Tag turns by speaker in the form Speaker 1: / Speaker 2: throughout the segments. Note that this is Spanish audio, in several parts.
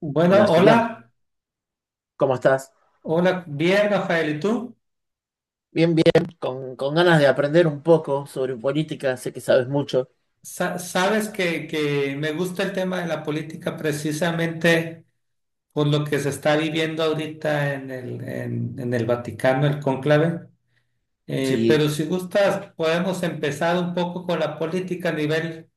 Speaker 1: Bueno,
Speaker 2: Hola, Giriam,
Speaker 1: hola,
Speaker 2: ¿cómo estás?
Speaker 1: hola, bien, Rafael, ¿y tú?
Speaker 2: Bien, bien, con ganas de aprender un poco sobre política, sé que sabes mucho.
Speaker 1: Sabes que me gusta el tema de la política precisamente por lo que se está viviendo ahorita en el Vaticano, el cónclave.
Speaker 2: Sí,
Speaker 1: Pero si gustas, podemos empezar un poco con la política a nivel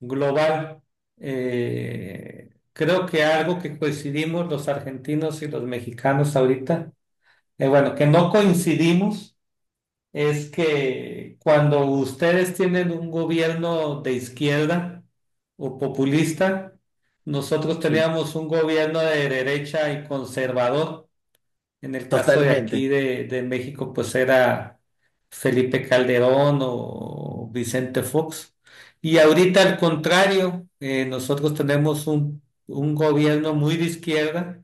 Speaker 1: global. Creo que algo que coincidimos los argentinos y los mexicanos ahorita, bueno, que no coincidimos es que cuando ustedes tienen un gobierno de izquierda o populista, nosotros
Speaker 2: sí,
Speaker 1: teníamos un gobierno de derecha y conservador. En el caso de aquí
Speaker 2: totalmente,
Speaker 1: de México, pues era Felipe Calderón o Vicente Fox. Y ahorita al contrario, nosotros tenemos un gobierno muy de izquierda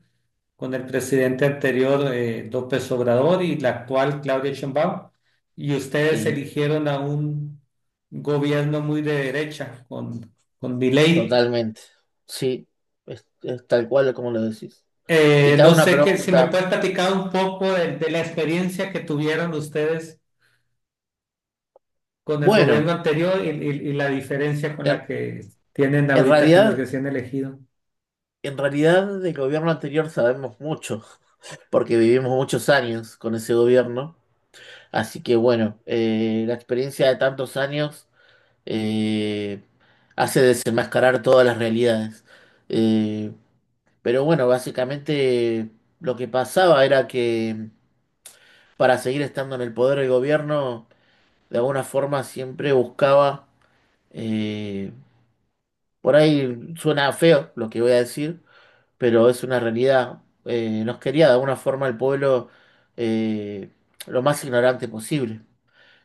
Speaker 1: con el presidente anterior, López Obrador, y la actual, Claudia Sheinbaum, y ustedes
Speaker 2: sí,
Speaker 1: eligieron a un gobierno muy de derecha con Milei.
Speaker 2: totalmente, sí, es tal cual como lo decís. Y te hago
Speaker 1: No
Speaker 2: una
Speaker 1: sé que, si me
Speaker 2: pregunta.
Speaker 1: puedes platicar un poco de la experiencia que tuvieron ustedes con el
Speaker 2: Bueno,
Speaker 1: gobierno anterior y, y la diferencia con la
Speaker 2: en,
Speaker 1: que tienen
Speaker 2: en
Speaker 1: ahorita con el
Speaker 2: realidad,
Speaker 1: recién elegido.
Speaker 2: del gobierno anterior sabemos mucho, porque vivimos muchos años con ese gobierno, así que bueno, la experiencia de tantos años eh, hace desenmascarar todas las realidades. Eh, pero bueno, básicamente lo que pasaba era que para seguir estando en el poder el gobierno, de alguna forma siempre buscaba, eh, por ahí suena feo lo que voy a decir, pero es una realidad, nos quería de alguna forma el pueblo, eh, lo más ignorante posible.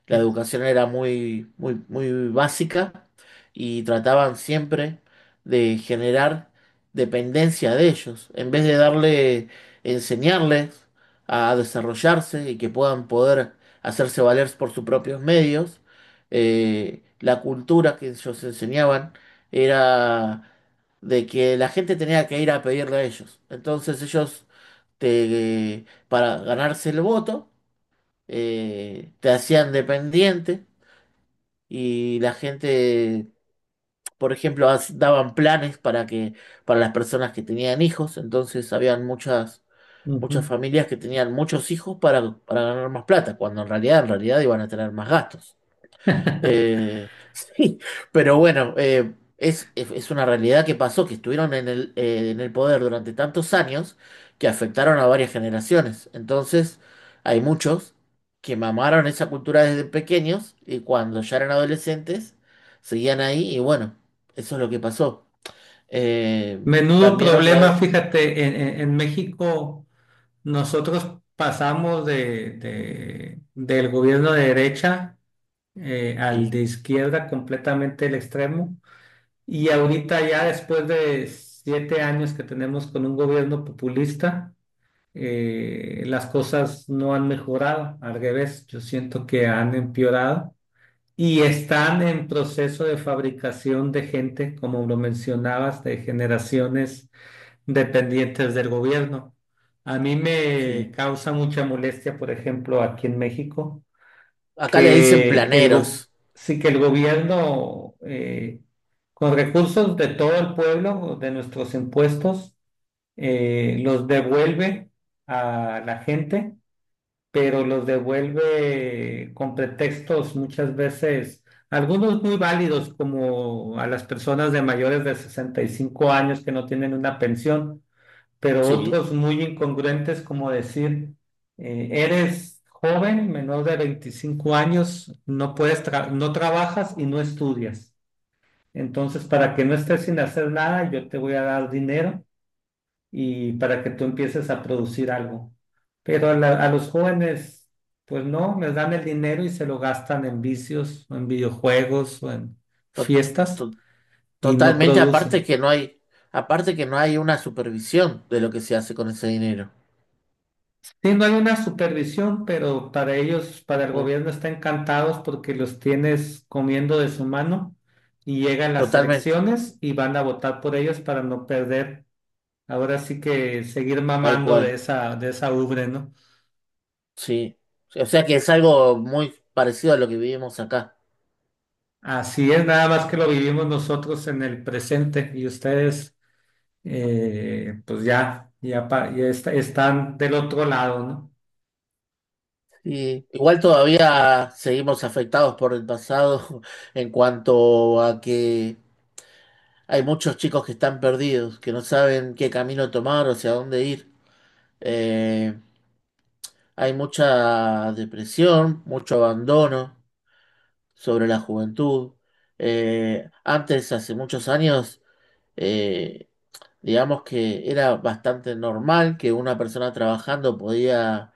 Speaker 2: La educación era muy, muy, muy básica y trataban siempre de generar dependencia de ellos, en vez de darle, enseñarles a desarrollarse y que puedan poder hacerse valer por sus propios medios. La cultura que ellos enseñaban era de que la gente tenía que ir a pedirle a ellos. Entonces ellos, para ganarse el voto, te hacían dependiente y la gente, por ejemplo, daban planes para que, para las personas que tenían hijos, entonces habían muchas muchas
Speaker 1: Ujú.
Speaker 2: familias que tenían muchos hijos para ganar más plata, cuando en realidad iban a tener más gastos. Sí, pero bueno, es una realidad que pasó, que estuvieron en el poder durante tantos años que afectaron a varias generaciones. Entonces, hay muchos que mamaron esa cultura desde pequeños y cuando ya eran adolescentes seguían ahí y bueno, eso es lo que pasó. Eh,
Speaker 1: Menudo
Speaker 2: también otra...
Speaker 1: problema, fíjate, en México nosotros pasamos de, del gobierno de derecha, al
Speaker 2: Sí,
Speaker 1: de izquierda, completamente el extremo. Y ahorita ya después de 7 años que tenemos con un gobierno populista, las cosas no han mejorado. Al revés, yo siento que han empeorado. Y están en proceso de fabricación de gente, como lo mencionabas, de generaciones dependientes del gobierno. A mí me
Speaker 2: sí.
Speaker 1: causa mucha molestia, por ejemplo, aquí en México,
Speaker 2: Acá le dicen
Speaker 1: que el, go-
Speaker 2: planeros,
Speaker 1: sí que el gobierno, con recursos de todo el pueblo, de nuestros impuestos, los devuelve a la gente, pero los devuelve con pretextos muchas veces. Algunos muy válidos, como a las personas de mayores de 65 años que no tienen una pensión, pero
Speaker 2: sí.
Speaker 1: otros muy incongruentes como decir, eres joven, menor de 25 años, no trabajas y no estudias. Entonces, para que no estés sin hacer nada, yo te voy a dar dinero y para que tú empieces a producir algo. Pero a los jóvenes, pues no, les dan el dinero y se lo gastan en vicios, o en videojuegos o en
Speaker 2: to-
Speaker 1: fiestas
Speaker 2: to-
Speaker 1: y no
Speaker 2: Totalmente, aparte
Speaker 1: producen.
Speaker 2: que no hay, aparte que no hay una supervisión de lo que se hace con ese dinero.
Speaker 1: Sí, no hay una supervisión, pero para ellos, para el
Speaker 2: Mm.
Speaker 1: gobierno, está encantados porque los tienes comiendo de su mano y llegan las
Speaker 2: Totalmente,
Speaker 1: elecciones y van a votar por ellos para no perder. Ahora sí que seguir
Speaker 2: tal
Speaker 1: mamando
Speaker 2: cual,
Speaker 1: de esa ubre, ¿no?
Speaker 2: sí. O sea que es algo muy parecido a lo que vivimos acá.
Speaker 1: Así es, nada más que lo vivimos nosotros en el presente y ustedes, pues ya, ya, están del otro lado, ¿no?
Speaker 2: Y igual todavía seguimos afectados por el pasado en cuanto a que hay muchos chicos que están perdidos, que no saben qué camino tomar o hacia dónde ir. Eh, hay mucha depresión, mucho abandono sobre la juventud. Antes, hace muchos años, eh, digamos que era bastante normal que una persona trabajando podía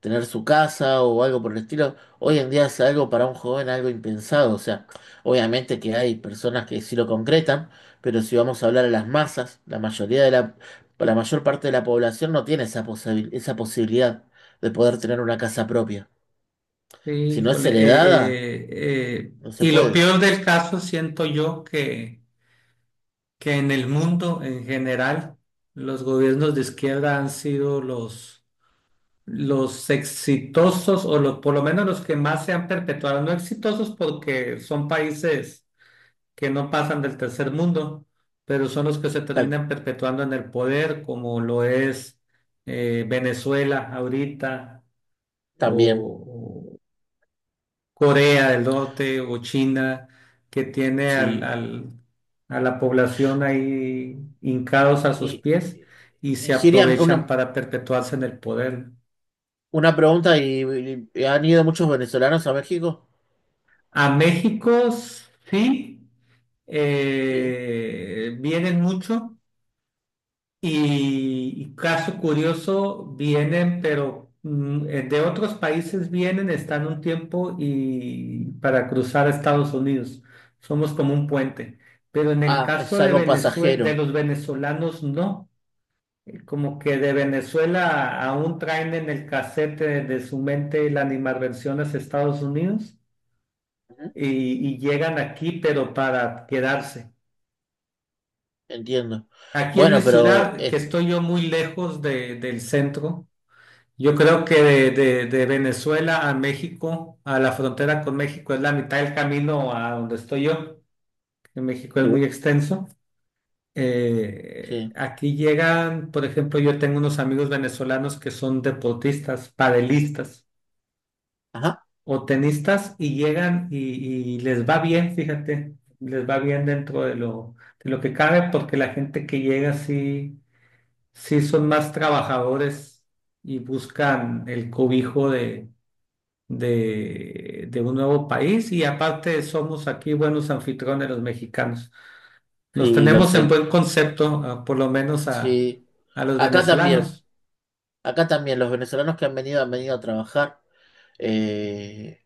Speaker 2: tener su casa o algo por el estilo. Hoy en día es algo para un joven algo impensado. O sea, obviamente que hay personas que sí lo concretan, pero si vamos a hablar a las masas, la mayor parte de la población no tiene esa esa posibilidad de poder tener una casa propia.
Speaker 1: Sí,
Speaker 2: Si no es
Speaker 1: híjole,
Speaker 2: heredada, no se
Speaker 1: y lo
Speaker 2: puede.
Speaker 1: peor del caso siento yo que en el mundo en general los gobiernos de izquierda han sido los exitosos o los, por lo menos los que más se han perpetuado, no exitosos porque son países que no pasan del tercer mundo, pero son los que se
Speaker 2: Tal
Speaker 1: terminan perpetuando en el poder, como lo es Venezuela ahorita
Speaker 2: También,
Speaker 1: o Corea del Norte o China, que tiene
Speaker 2: sí.
Speaker 1: a la población ahí hincados a sus
Speaker 2: Y,
Speaker 1: pies
Speaker 2: y,
Speaker 1: y
Speaker 2: y
Speaker 1: se
Speaker 2: Giria,
Speaker 1: aprovechan para perpetuarse en el poder.
Speaker 2: una pregunta, ¿han ido muchos venezolanos a México?
Speaker 1: A México sí,
Speaker 2: Sí.
Speaker 1: vienen mucho. Y caso curioso, vienen, pero de otros países vienen, están un tiempo y para cruzar a Estados Unidos. Somos como un puente. Pero en el
Speaker 2: Ah, es
Speaker 1: caso de
Speaker 2: algo
Speaker 1: Venezuela, de
Speaker 2: pasajero.
Speaker 1: los venezolanos, no. Como que de Venezuela aún traen en el casete de su mente la animadversión hacia Estados Unidos
Speaker 2: Ujú.
Speaker 1: y llegan aquí, pero para quedarse.
Speaker 2: Entiendo.
Speaker 1: Aquí en mi
Speaker 2: Bueno, pero...
Speaker 1: ciudad, que estoy yo muy lejos del centro. Yo creo que de, de Venezuela a México, a la frontera con México, es la mitad del camino a donde estoy yo, que México es muy
Speaker 2: sí,
Speaker 1: extenso.
Speaker 2: sí.
Speaker 1: Aquí llegan, por ejemplo, yo tengo unos amigos venezolanos que son deportistas, padelistas
Speaker 2: Ajá,
Speaker 1: o tenistas y llegan y les va bien, fíjate, les va bien dentro de lo que cabe porque la gente que llega sí, sí son más trabajadores y buscan el cobijo de un nuevo país y aparte somos aquí buenos anfitriones los mexicanos. Los
Speaker 2: sí, lo
Speaker 1: tenemos en
Speaker 2: sé.
Speaker 1: buen concepto, ah, por lo menos
Speaker 2: Sí.
Speaker 1: a los
Speaker 2: Acá también,
Speaker 1: venezolanos.
Speaker 2: acá también, los venezolanos que han venido a trabajar. Eh,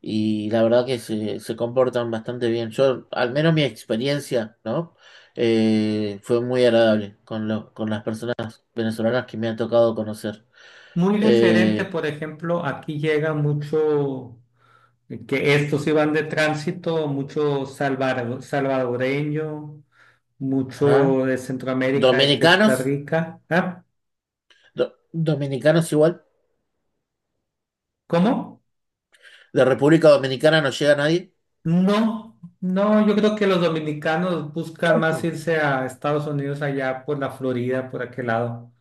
Speaker 2: Y la verdad que se comportan bastante bien. Yo, al menos mi experiencia, ¿no? Fue muy agradable con las personas venezolanas que me han tocado conocer.
Speaker 1: Muy diferente,
Speaker 2: Eh,
Speaker 1: por ejemplo, aquí llega mucho, que estos iban de tránsito, mucho salvadoreño,
Speaker 2: ajá.
Speaker 1: mucho de Centroamérica, de Costa
Speaker 2: Dominicanos,
Speaker 1: Rica. ¿Ah?
Speaker 2: dominicanos igual.
Speaker 1: ¿Cómo?
Speaker 2: De República Dominicana no llega nadie.
Speaker 1: No, no, yo creo que los dominicanos buscan más irse a Estados Unidos allá por la Florida, por aquel lado.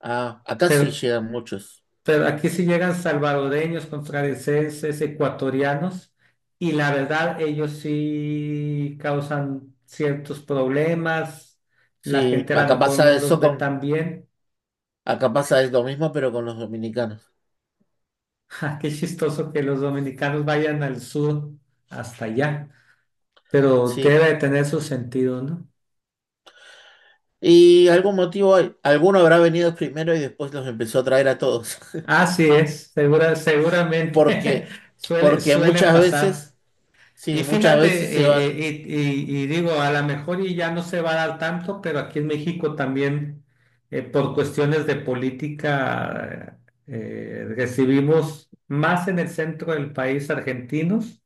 Speaker 2: Ah, acá sí
Speaker 1: Pero,
Speaker 2: llegan muchos.
Speaker 1: pero aquí sí llegan salvadoreños, costarricenses, ecuatorianos, y la verdad ellos sí causan ciertos problemas. La
Speaker 2: Sí,
Speaker 1: gente a lo mejor no los ve tan bien.
Speaker 2: acá pasa lo mismo, pero con los dominicanos.
Speaker 1: Ja, qué chistoso que los dominicanos vayan al sur hasta allá, pero
Speaker 2: Sí.
Speaker 1: debe de tener su sentido, ¿no?
Speaker 2: Y algún motivo hay. Alguno habrá venido primero y después los empezó a traer a todos.
Speaker 1: Así es, segura, seguramente
Speaker 2: Porque,
Speaker 1: suele,
Speaker 2: porque
Speaker 1: suele
Speaker 2: muchas
Speaker 1: pasar.
Speaker 2: veces,
Speaker 1: Y
Speaker 2: sí, muchas
Speaker 1: fíjate,
Speaker 2: veces se van,
Speaker 1: y, y digo, a lo mejor y ya no se va a dar tanto, pero aquí en México también, por cuestiones de política, recibimos más en el centro del país argentinos.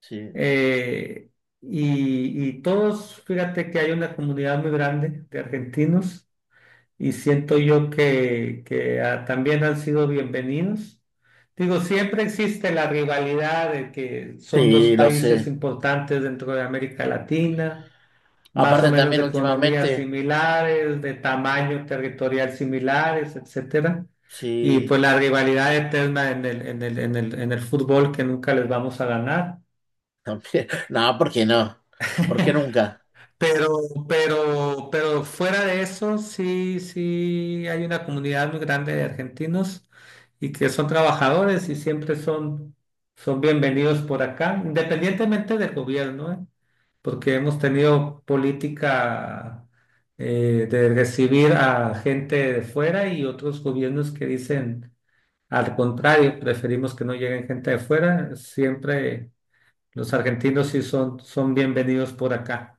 Speaker 2: sí,
Speaker 1: eh, y, y todos, fíjate que hay una comunidad muy grande de argentinos y siento yo que ah, también han sido bienvenidos. Digo, siempre existe la rivalidad de que son dos
Speaker 2: sí, lo
Speaker 1: países
Speaker 2: sé.
Speaker 1: importantes dentro de América Latina, más o
Speaker 2: Aparte
Speaker 1: menos
Speaker 2: también
Speaker 1: de economías
Speaker 2: últimamente,
Speaker 1: similares, de tamaño territorial similares, etcétera. Y
Speaker 2: sí,
Speaker 1: pues la rivalidad eterna en el fútbol que nunca les vamos a ganar.
Speaker 2: también, no, ¿por qué no? ¿Por qué nunca?
Speaker 1: Pero, pero fuera de eso, sí, sí, hay una comunidad muy grande de argentinos y que son trabajadores y siempre son, son bienvenidos por acá, independientemente del gobierno, ¿eh? Porque hemos tenido política de recibir a gente de fuera y otros gobiernos que dicen al contrario, preferimos que no lleguen gente de fuera. Siempre los argentinos sí son, son bienvenidos por acá.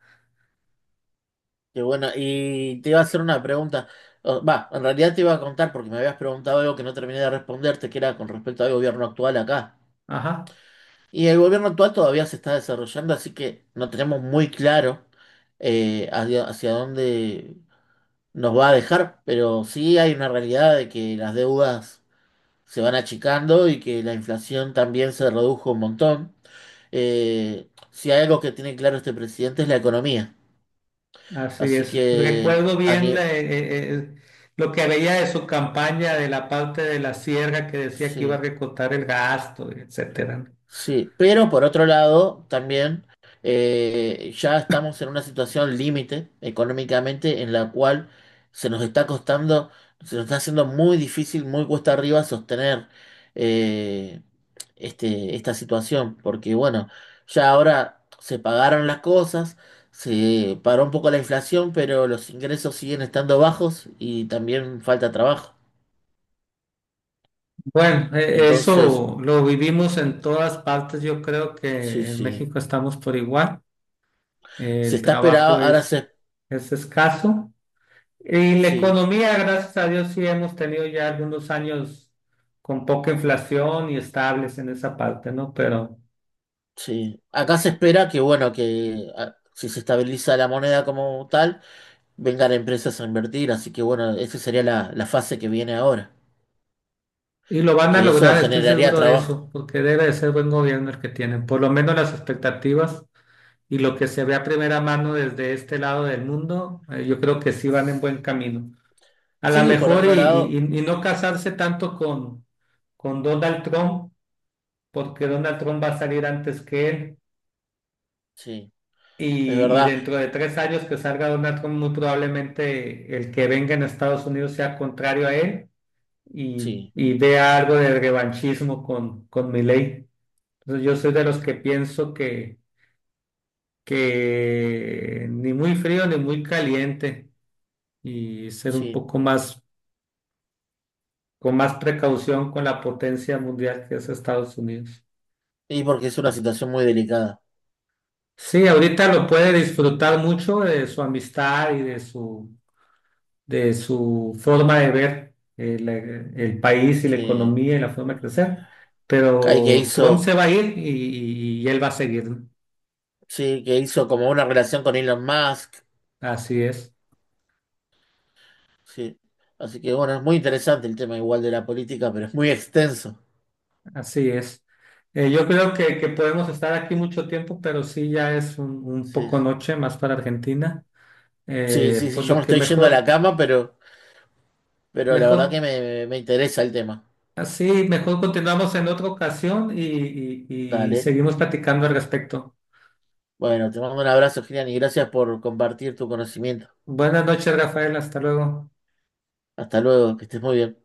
Speaker 2: Qué bueno, y te iba a hacer una pregunta. O- va, en realidad te iba a contar porque me habías preguntado algo que no terminé de responderte, que era con respecto al gobierno actual acá.
Speaker 1: Ajá.
Speaker 2: Y el gobierno actual todavía se está desarrollando, así que no tenemos muy claro hacia dónde nos va a dejar, pero sí hay una realidad de que las deudas se van achicando y que la inflación también se redujo un montón. Si hay algo que tiene claro este presidente es la economía.
Speaker 1: Así
Speaker 2: Así
Speaker 1: es.
Speaker 2: que
Speaker 1: Recuerdo
Speaker 2: a,
Speaker 1: bien
Speaker 2: ni-
Speaker 1: lo que veía de su campaña de la parte de la sierra que decía que iba a
Speaker 2: sí.
Speaker 1: recortar el gasto, etcétera, ¿no?
Speaker 2: Sí, pero por otro lado, también ya estamos en una situación límite económicamente en la cual se nos está costando, se nos está haciendo muy difícil, muy cuesta arriba sostener eh, esta situación, porque bueno, ya ahora se pagaron las cosas, se paró un poco la inflación, pero los ingresos siguen estando bajos y también falta trabajo.
Speaker 1: Bueno,
Speaker 2: Entonces,
Speaker 1: eso lo vivimos en todas partes. Yo creo
Speaker 2: sí,
Speaker 1: que en
Speaker 2: sí,
Speaker 1: México estamos por igual.
Speaker 2: se
Speaker 1: El
Speaker 2: está esperado,
Speaker 1: trabajo
Speaker 2: ahora se...
Speaker 1: es escaso. Y la
Speaker 2: sí.
Speaker 1: economía, gracias a Dios, sí hemos tenido ya algunos años con poca inflación y estables en esa parte, ¿no? Pero
Speaker 2: Sí, acá se espera que, bueno, que si se estabiliza la moneda como tal, vengan empresas a invertir, así que, bueno, esa sería la fase que viene ahora,
Speaker 1: y lo van a
Speaker 2: que eso
Speaker 1: lograr, estoy
Speaker 2: generaría
Speaker 1: seguro de
Speaker 2: trabajo.
Speaker 1: eso, porque debe de ser buen gobierno el que tienen, por lo menos las expectativas y lo que se ve a primera mano desde este lado del mundo, yo creo que sí van en buen camino. A lo
Speaker 2: Sí, por
Speaker 1: mejor y,
Speaker 2: otro lado,
Speaker 1: y no casarse tanto con Donald Trump, porque Donald Trump va a salir antes que él
Speaker 2: sí, es
Speaker 1: y
Speaker 2: verdad,
Speaker 1: dentro de 3 años que salga Donald Trump, muy probablemente el que venga en Estados Unidos sea contrario a él
Speaker 2: sí,
Speaker 1: y vea algo de revanchismo con Milei. Entonces yo soy de los que pienso que ni muy frío ni muy caliente y ser un
Speaker 2: sí,
Speaker 1: poco más, con más precaución con la potencia mundial que es Estados Unidos.
Speaker 2: y porque es una situación muy delicada,
Speaker 1: Sí, ahorita lo puede disfrutar mucho de su amistad y de su forma de ver el país y la
Speaker 2: sí.
Speaker 1: economía y la forma de crecer,
Speaker 2: Hay que
Speaker 1: pero Trump se
Speaker 2: hizo,
Speaker 1: va a ir y, y él va a seguir, ¿no?
Speaker 2: sí, que hizo como una relación con Elon Musk,
Speaker 1: Así es.
Speaker 2: sí. Así que, bueno, es muy interesante el tema igual de la política, pero es muy extenso,
Speaker 1: Así es. Yo creo que podemos estar aquí mucho tiempo, pero sí ya es un
Speaker 2: sí.
Speaker 1: poco noche más para Argentina.
Speaker 2: Sí, sí, sí,
Speaker 1: Pues
Speaker 2: yo
Speaker 1: lo
Speaker 2: me
Speaker 1: que
Speaker 2: estoy yendo a la
Speaker 1: mejor,
Speaker 2: cama, pero... pero la verdad que
Speaker 1: mejor,
Speaker 2: me interesa el tema.
Speaker 1: así, mejor continuamos en otra ocasión y, y
Speaker 2: Dale.
Speaker 1: seguimos platicando al respecto.
Speaker 2: Bueno, te mando un abrazo, Gilian, y gracias por compartir tu conocimiento.
Speaker 1: Buenas noches, Rafael. Hasta luego.
Speaker 2: Hasta luego, que estés muy bien.